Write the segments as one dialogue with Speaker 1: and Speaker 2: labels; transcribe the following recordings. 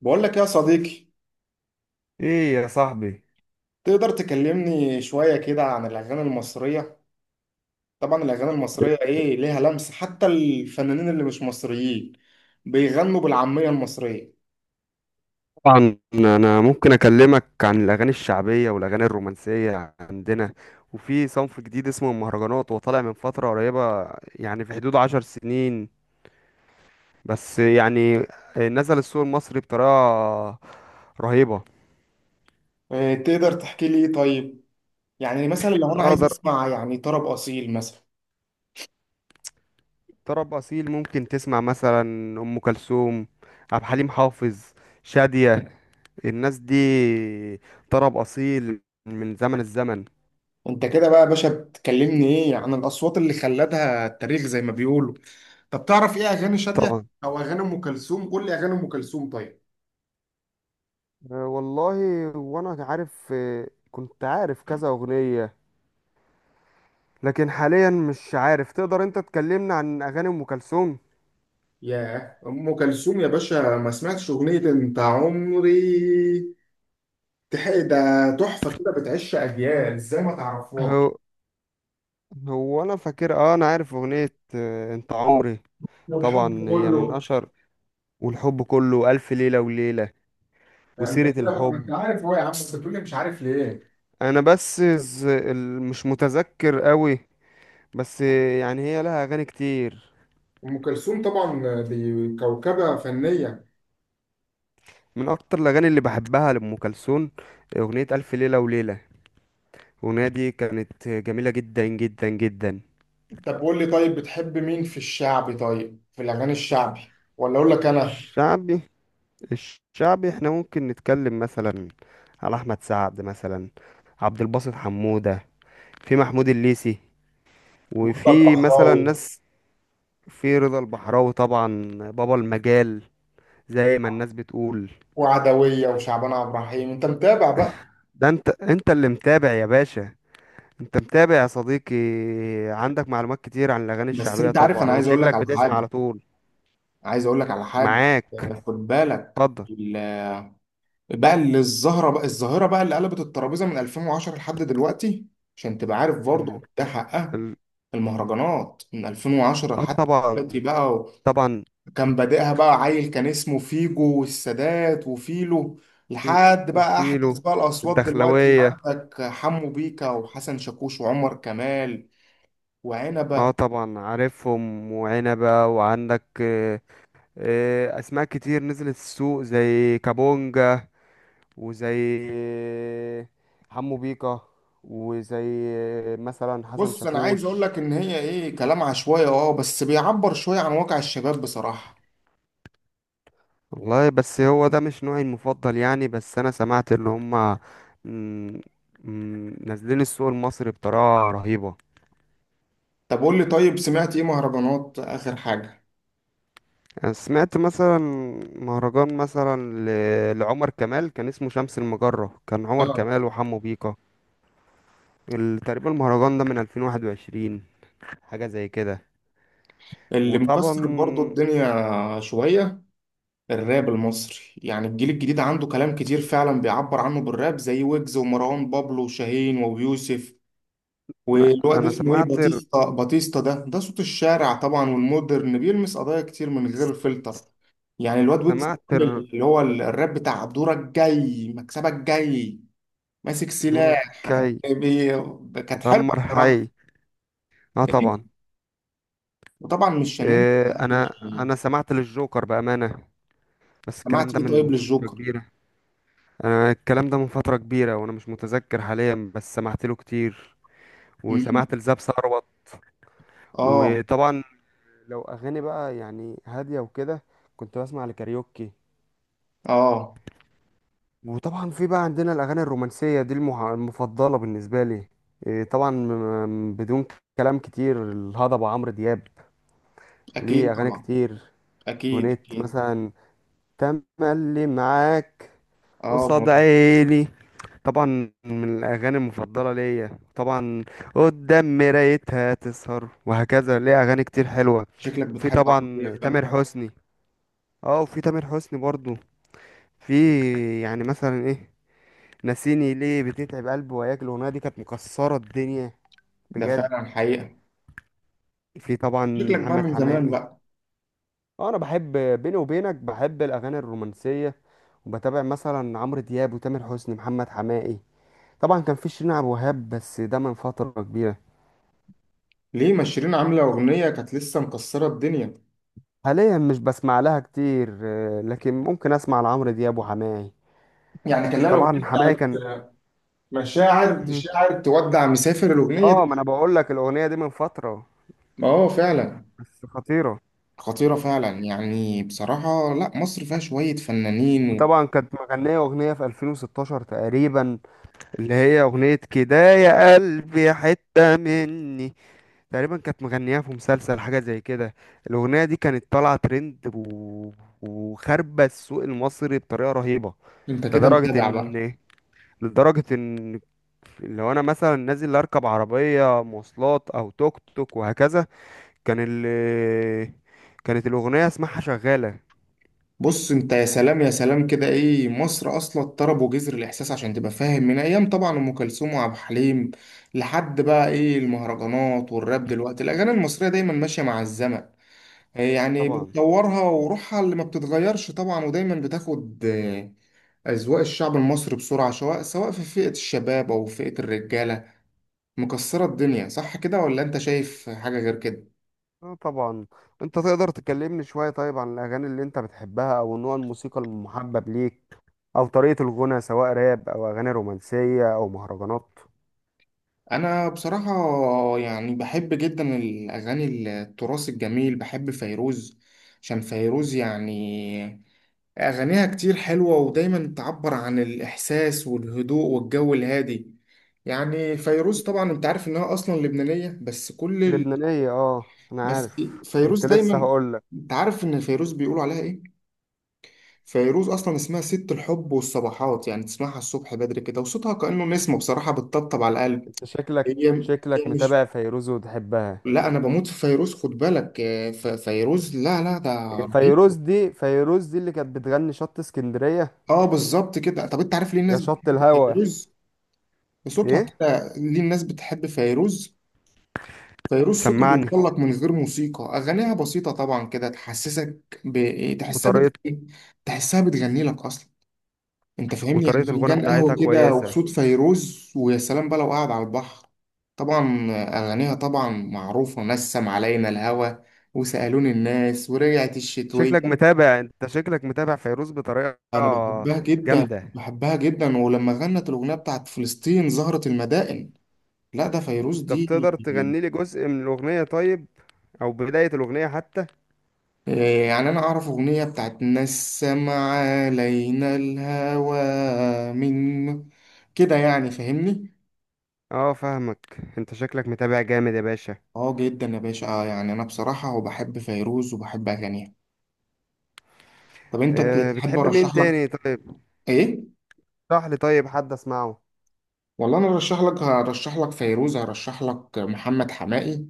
Speaker 1: بقول لك يا صديقي،
Speaker 2: ايه يا صاحبي.
Speaker 1: تقدر تكلمني شوية كده عن الأغاني المصرية؟ طبعا الأغاني المصرية إيه ليها لمسة، حتى الفنانين اللي مش مصريين بيغنوا بالعامية المصرية.
Speaker 2: طبعا انا ممكن اكلمك عن الاغاني الشعبيه والاغاني الرومانسيه عندنا، وفي صنف جديد اسمه المهرجانات وطالع من فتره قريبه، يعني في حدود 10 سنين. بس يعني نزل السوق المصري بطريقه رهيبه.
Speaker 1: إيه تقدر تحكي لي إيه طيب؟ يعني مثلا لو أنا عايز
Speaker 2: اقدر.
Speaker 1: أسمع يعني طرب أصيل مثلا.
Speaker 2: طرب اصيل ممكن تسمع مثلا ام كلثوم، عبد الحليم حافظ، شاديه. الناس دي طرب اصيل من زمن الزمن.
Speaker 1: أنت كده بقى يا باشا بتكلمني إيه عن الأصوات اللي خلدها التاريخ زي ما بيقولوا. طب تعرف إيه أغاني شادية
Speaker 2: طبعا.
Speaker 1: أو أغاني أم كلثوم؟ قول لي أغاني أم كلثوم طيب.
Speaker 2: أه والله. وانا عارف، أه، كنت عارف كذا اغنية، لكن حاليا مش عارف. تقدر انت تكلمنا عن اغاني ام كلثوم؟
Speaker 1: ياه، ام كلثوم يا باشا، ما سمعتش اغنيه انت عمري؟ تحق ده تحفه كده بتعيش اجيال، ازاي ما تعرفهاش؟
Speaker 2: هو هو انا فاكر. اه انا عارف اغنية انت عمري.
Speaker 1: والحب
Speaker 2: طبعا هي من
Speaker 1: كله.
Speaker 2: اشهر. والحب كله، الف ليلة وليلة،
Speaker 1: يعني انت
Speaker 2: وسيرة
Speaker 1: كده بقى انت
Speaker 2: الحب.
Speaker 1: عارف. هو يا عم انت بتقولي مش عارف ليه؟
Speaker 2: انا بس مش متذكر قوي. بس يعني هي لها اغاني كتير.
Speaker 1: ام كلثوم طبعا دي كوكبه فنيه.
Speaker 2: من اكتر الاغاني اللي بحبها لام كلثوم اغنية الف ليلة وليلة. الأغنية دي كانت جميلة جدا جدا جدا.
Speaker 1: طب قول لي طيب، بتحب مين في الشعبي؟ طيب في الاغاني الشعبي ولا اقول لك انا؟
Speaker 2: الشعبي، الشعبي احنا ممكن نتكلم مثلا على احمد سعد مثلا، عبد الباسط حمودة، في محمود الليثي،
Speaker 1: مرتضى
Speaker 2: وفي مثلا
Speaker 1: البحراوي
Speaker 2: ناس، في رضا البحراوي طبعا. بابا المجال زي ما الناس بتقول.
Speaker 1: وعدويه وشعبان عبد الرحيم، انت متابع بقى؟
Speaker 2: ده انت اللي متابع يا باشا، انت متابع يا صديقي. عندك معلومات كتير عن الاغاني
Speaker 1: بس
Speaker 2: الشعبية،
Speaker 1: انت عارف
Speaker 2: طبعا
Speaker 1: انا
Speaker 2: هو
Speaker 1: عايز اقول لك
Speaker 2: شكلك
Speaker 1: على
Speaker 2: بتسمع على
Speaker 1: حاجه،
Speaker 2: طول.
Speaker 1: عايز اقول لك على حاجه.
Speaker 2: معاك.
Speaker 1: خد بالك.
Speaker 2: اتفضل.
Speaker 1: ال- بقى اللي الظاهره بقى اللي قلبت الترابيزه من 2010 لحد دلوقتي، عشان تبقى عارف
Speaker 2: ال...
Speaker 1: برضه ده حقها.
Speaker 2: ال...
Speaker 1: المهرجانات من 2010
Speaker 2: اه
Speaker 1: لحد
Speaker 2: طبعا.
Speaker 1: دلوقتي بقى
Speaker 2: طبعا
Speaker 1: كان بادئها بقى عيل كان اسمه فيجو والسادات وفيلو،
Speaker 2: في
Speaker 1: لحد بقى احدث
Speaker 2: وفيلو،
Speaker 1: بقى الاصوات دلوقتي.
Speaker 2: الدخلوية.
Speaker 1: عندك حمو بيكا وحسن شاكوش وعمر كمال وعنبه.
Speaker 2: اه طبعا عارفهم وعنبة، وعندك اسماء كتير نزلت السوق زي كابونجا، وزي حمو بيكا، وزي مثلا حسن
Speaker 1: بص انا عايز اقول
Speaker 2: شاكوش.
Speaker 1: لك ان هي ايه، كلام عشوائي اه، بس بيعبر شويه عن واقع الشباب بصراحه.
Speaker 2: والله بس هو ده مش نوعي المفضل يعني. بس انا سمعت ان هما، مم، نازلين السوق المصري بطريقة رهيبة.
Speaker 1: طب قول لي طيب، سمعت ايه مهرجانات اخر حاجة؟
Speaker 2: انا سمعت مثلا مهرجان مثلا لعمر كمال، كان اسمه شمس المجرة، كان عمر
Speaker 1: اه.
Speaker 2: كمال وحمو بيكا. تقريبا المهرجان ده من 2021، حاجة زي كده.
Speaker 1: اللي
Speaker 2: وطبعا
Speaker 1: مكسر برضو الدنيا شوية. الراب المصري يعني الجيل الجديد عنده كلام كتير، فعلا بيعبر عنه بالراب زي ويجز ومروان بابلو وشاهين ويوسف.
Speaker 2: انا
Speaker 1: والواد
Speaker 2: أنا
Speaker 1: اسمه ايه، باتيستا، باتيستا ده ده صوت الشارع طبعا، والمودرن بيلمس قضايا كتير من غير فلتر. يعني الواد ويجز
Speaker 2: سمعت
Speaker 1: عامل
Speaker 2: ال-
Speaker 1: اللي هو الراب بتاع دورك جاي، مكسبك جاي، ماسك
Speaker 2: دورك
Speaker 1: سلاح.
Speaker 2: جاي،
Speaker 1: بي- كانت حلوة
Speaker 2: ادمر حي.
Speaker 1: بصراحة.
Speaker 2: اه طبعا.
Speaker 1: وطبعا مش هننسى
Speaker 2: إيه، انا انا
Speaker 1: يعني.
Speaker 2: سمعت للجوكر بأمانة، بس الكلام
Speaker 1: سمعت
Speaker 2: ده
Speaker 1: ايه طيب
Speaker 2: من فترة
Speaker 1: للجوكر؟
Speaker 2: كبيرة. انا الكلام ده من فترة كبيرة وانا مش متذكر حاليا، بس سمعت له كتير،
Speaker 1: مم.
Speaker 2: وسمعت لزاب ثروت.
Speaker 1: اه.
Speaker 2: وطبعا لو اغاني بقى يعني هاديه وكده، كنت بسمع لكاريوكي.
Speaker 1: اه
Speaker 2: وطبعا في بقى عندنا الاغاني الرومانسيه دي المفضله بالنسبه لي. إيه طبعا بدون كلام كتير، الهضبه عمرو دياب
Speaker 1: اكيد
Speaker 2: ليه اغاني
Speaker 1: طبعا.
Speaker 2: كتير.
Speaker 1: اكيد
Speaker 2: اغنيه
Speaker 1: اكيد.
Speaker 2: مثلا تملي معاك،
Speaker 1: اه ب-
Speaker 2: قصاد عيني، طبعا من الاغاني المفضله ليا، طبعا قدام مرايتها تسهر، وهكذا. ليه اغاني كتير حلوه.
Speaker 1: شكلك
Speaker 2: في
Speaker 1: بتحب عمرو
Speaker 2: طبعا
Speaker 1: دياب
Speaker 2: تامر
Speaker 1: بقى.
Speaker 2: حسني. اه وفي تامر حسني برضو، في يعني مثلا ايه، نسيني ليه، بتتعب قلبي، وياك، الاغنيه دي كانت مكسره الدنيا
Speaker 1: ده
Speaker 2: بجد.
Speaker 1: فعلا حقيقة.
Speaker 2: في طبعا
Speaker 1: شكلك بقى
Speaker 2: محمد
Speaker 1: من زمان
Speaker 2: حماقي.
Speaker 1: بقى.
Speaker 2: اه انا بحب، بيني وبينك بحب الاغاني الرومانسيه، وبتابع مثلا عمرو دياب وتامر حسني محمد حماقي. طبعا كان في شيرين عبد الوهاب بس ده من فتره كبيره.
Speaker 1: ليه ما شيرين عاملة أغنية كانت لسه مكسرة الدنيا؟
Speaker 2: حاليا مش بسمع لها كتير، لكن ممكن اسمع لعمرو دياب وحماقي.
Speaker 1: يعني كان لها
Speaker 2: طبعا
Speaker 1: الأغنية
Speaker 2: حماقي
Speaker 1: بتاعت
Speaker 2: كان.
Speaker 1: مشاعر تشاعر تودع مسافر، الأغنية دي.
Speaker 2: اه ما انا بقول لك الاغنيه دي من فتره،
Speaker 1: اه فعلا.
Speaker 2: بس خطيره.
Speaker 1: خطيرة فعلا، يعني بصراحة لا، مصر فيها شوية فنانين.
Speaker 2: وطبعا كانت مغنية أغنية في 2016 تقريبا، اللي هي أغنية كده يا قلبي حتة مني، تقريبا كانت مغنياها في مسلسل حاجة زي كده. الأغنية دي كانت طالعة ترند وخاربة السوق المصري بطريقة رهيبة.
Speaker 1: وانت كده
Speaker 2: لدرجة
Speaker 1: متابع بقى.
Speaker 2: إن لدرجة إن لو أنا مثلا نازل أركب عربية مواصلات أو توك توك وهكذا، كان ال... كانت الأغنية اسمعها شغالة.
Speaker 1: بص انت، يا سلام يا سلام كده، ايه مصر اصلا طرب وجزر الاحساس، عشان تبقى فاهم من ايام طبعا ام كلثوم وعبد الحليم لحد بقى ايه المهرجانات والراب دلوقتي. الاغاني المصريه دايما ماشيه مع الزمن، إيه يعني
Speaker 2: طبعا،
Speaker 1: بتطورها وروحها اللي ما بتتغيرش طبعا، ودايما بتاخد اذواق الشعب المصري بسرعه، سواء سواء في فئه الشباب او فئه الرجاله. مكسره الدنيا، صح كده ولا انت شايف حاجه غير كده؟
Speaker 2: اه طبعا. انت تقدر تكلمني شوية طيب عن الاغاني اللي انت بتحبها، او نوع الموسيقى المحبب ليك، او طريقة الغنى سواء راب او اغاني رومانسية او مهرجانات؟
Speaker 1: انا بصراحة يعني بحب جدا الاغاني التراث الجميل. بحب فيروز، عشان فيروز يعني اغانيها كتير حلوة، ودايما تعبر عن الاحساس والهدوء والجو الهادي. يعني فيروز طبعا انت عارف انها اصلا لبنانية، بس كل ال...
Speaker 2: لبنانية، اه انا
Speaker 1: بس
Speaker 2: عارف
Speaker 1: فيروز
Speaker 2: كنت لسه
Speaker 1: دايما.
Speaker 2: هقولك.
Speaker 1: انت عارف ان فيروز بيقولوا عليها ايه؟ فيروز اصلا اسمها ست الحب والصباحات، يعني تسمعها الصبح بدري كده وصوتها كأنه نسمة بصراحة بتطبطب على القلب.
Speaker 2: انت شكلك
Speaker 1: هي
Speaker 2: شكلك
Speaker 1: هي مش،
Speaker 2: متابع فيروز وتحبها.
Speaker 1: لا انا بموت في فيروز خد بالك. فيروز لا ده
Speaker 2: إيه،
Speaker 1: رهيب.
Speaker 2: فيروز دي اللي كانت بتغني شط اسكندرية،
Speaker 1: اه بالظبط كده. طب انت عارف ليه
Speaker 2: يا
Speaker 1: الناس
Speaker 2: شط
Speaker 1: بتحب
Speaker 2: الهوا.
Speaker 1: فيروز؟ صوتها
Speaker 2: ايه.
Speaker 1: كده. ليه الناس بتحب فيروز؟ فيروز صوتها
Speaker 2: سمعني.
Speaker 1: بيوصل لك من غير موسيقى، اغانيها بسيطه طبعا كده، تحسسك تحسها
Speaker 2: وطريقة
Speaker 1: تحسها بتغني لك اصلا. انت فاهمني، يعني
Speaker 2: وطريقة الغنى
Speaker 1: فنجان
Speaker 2: بتاعتها
Speaker 1: قهوه كده
Speaker 2: كويسة.
Speaker 1: وصوت فيروز، ويا سلام بقى لو قاعد على البحر. طبعا اغانيها طبعا معروفه، نسم علينا الهوى، وسالوني الناس، ورجعت الشتويه.
Speaker 2: شكلك متابع، انت شكلك متابع فيروز بطريقة
Speaker 1: انا بحبها جدا،
Speaker 2: جامدة.
Speaker 1: بحبها جدا، ولما غنت الاغنيه بتاعت فلسطين زهرة المدائن، لا ده فيروز
Speaker 2: طب
Speaker 1: دي.
Speaker 2: تقدر تغني لي جزء من الأغنية طيب، أو بداية الأغنية حتى؟
Speaker 1: يعني انا اعرف اغنيه بتاعت نسم علينا الهوى من كده، يعني فاهمني.
Speaker 2: اه فاهمك، انت شكلك متابع جامد يا باشا.
Speaker 1: اه جدا يا باشا. آه يعني انا بصراحه وبحب فيروز وبحب اغانيها. طب انت
Speaker 2: أه
Speaker 1: تحب
Speaker 2: بتحب مين
Speaker 1: ارشح لك
Speaker 2: تاني طيب؟
Speaker 1: ايه؟
Speaker 2: اشرح لي طيب حد اسمعه.
Speaker 1: والله انا ارشح لك هرشح لك فيروز، هرشح لك محمد حماقي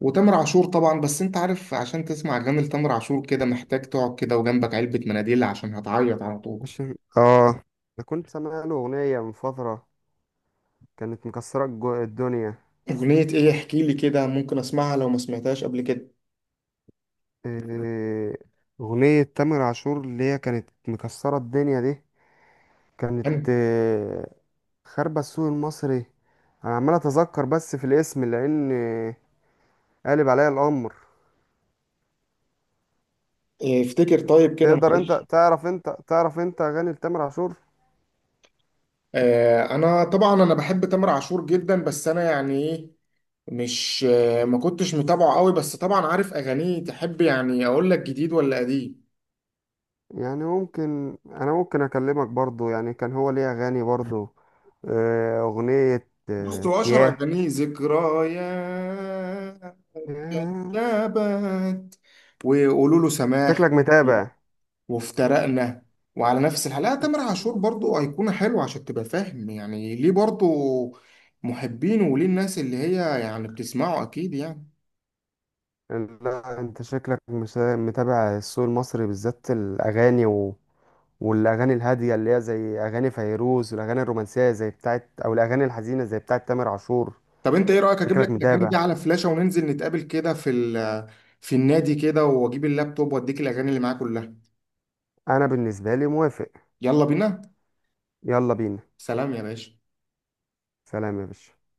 Speaker 1: وتامر عاشور طبعا. بس انت عارف، عشان تسمع اغاني لتامر عاشور كده محتاج تقعد كده وجنبك علبة مناديل، عشان هتعيط على طول.
Speaker 2: عشان اه، انا كنت سامع له أغنية من فترة كانت مكسرة الدنيا.
Speaker 1: اغنية ايه؟ احكي لي كده ممكن اسمعها لو ما سمعتهاش قبل كده.
Speaker 2: آه، أغنية تامر عاشور اللي هي كانت مكسرة الدنيا دي كانت،
Speaker 1: حلو.
Speaker 2: خاربة السوق المصري. أنا عمال أتذكر بس في الاسم، لأن قالب عليا الأمر.
Speaker 1: إيه، افتكر طيب كده
Speaker 2: تقدر انت
Speaker 1: معلش.
Speaker 2: تعرف اغاني لتامر عاشور؟
Speaker 1: آه انا طبعا انا بحب تامر عاشور جدا، بس انا يعني ايه، مش آه ما كنتش متابعه قوي، بس طبعا عارف اغانيه. تحب يعني اقول لك جديد ولا قديم؟
Speaker 2: يعني انا ممكن اكلمك برضو، يعني كان هو ليه اغاني برضو. اغنية،
Speaker 1: بوست، واشر
Speaker 2: ياه.
Speaker 1: اغانيه ذكريات،
Speaker 2: ياه.
Speaker 1: كذبت، وقولوا له سماح،
Speaker 2: شكلك متابع.
Speaker 1: وافترقنا، وعلى نفس الحلقة. لا،
Speaker 2: انت
Speaker 1: تامر
Speaker 2: ش-
Speaker 1: عاشور برضو أيقونة حلوة، عشان تبقى فاهم يعني ليه برضو محبين، وليه الناس اللي هي يعني بتسمعه أكيد يعني.
Speaker 2: لا انت شكلك مش متابع السوق المصري بالذات الاغاني والاغاني الهادية اللي هي زي اغاني فيروز، والاغاني الرومانسية زي بتاعت، او الاغاني الحزينة زي بتاعت تامر عاشور.
Speaker 1: طب أنت إيه رأيك أجيب
Speaker 2: شكلك
Speaker 1: لك الأغاني
Speaker 2: متابع.
Speaker 1: دي على فلاشة وننزل نتقابل كده في في النادي كده، وأجيب اللابتوب وأديك الأغاني اللي معايا كلها.
Speaker 2: انا بالنسبة لي موافق.
Speaker 1: يلا بينا.
Speaker 2: يلا بينا.
Speaker 1: سلام يا باشا.
Speaker 2: سلام يا باشا.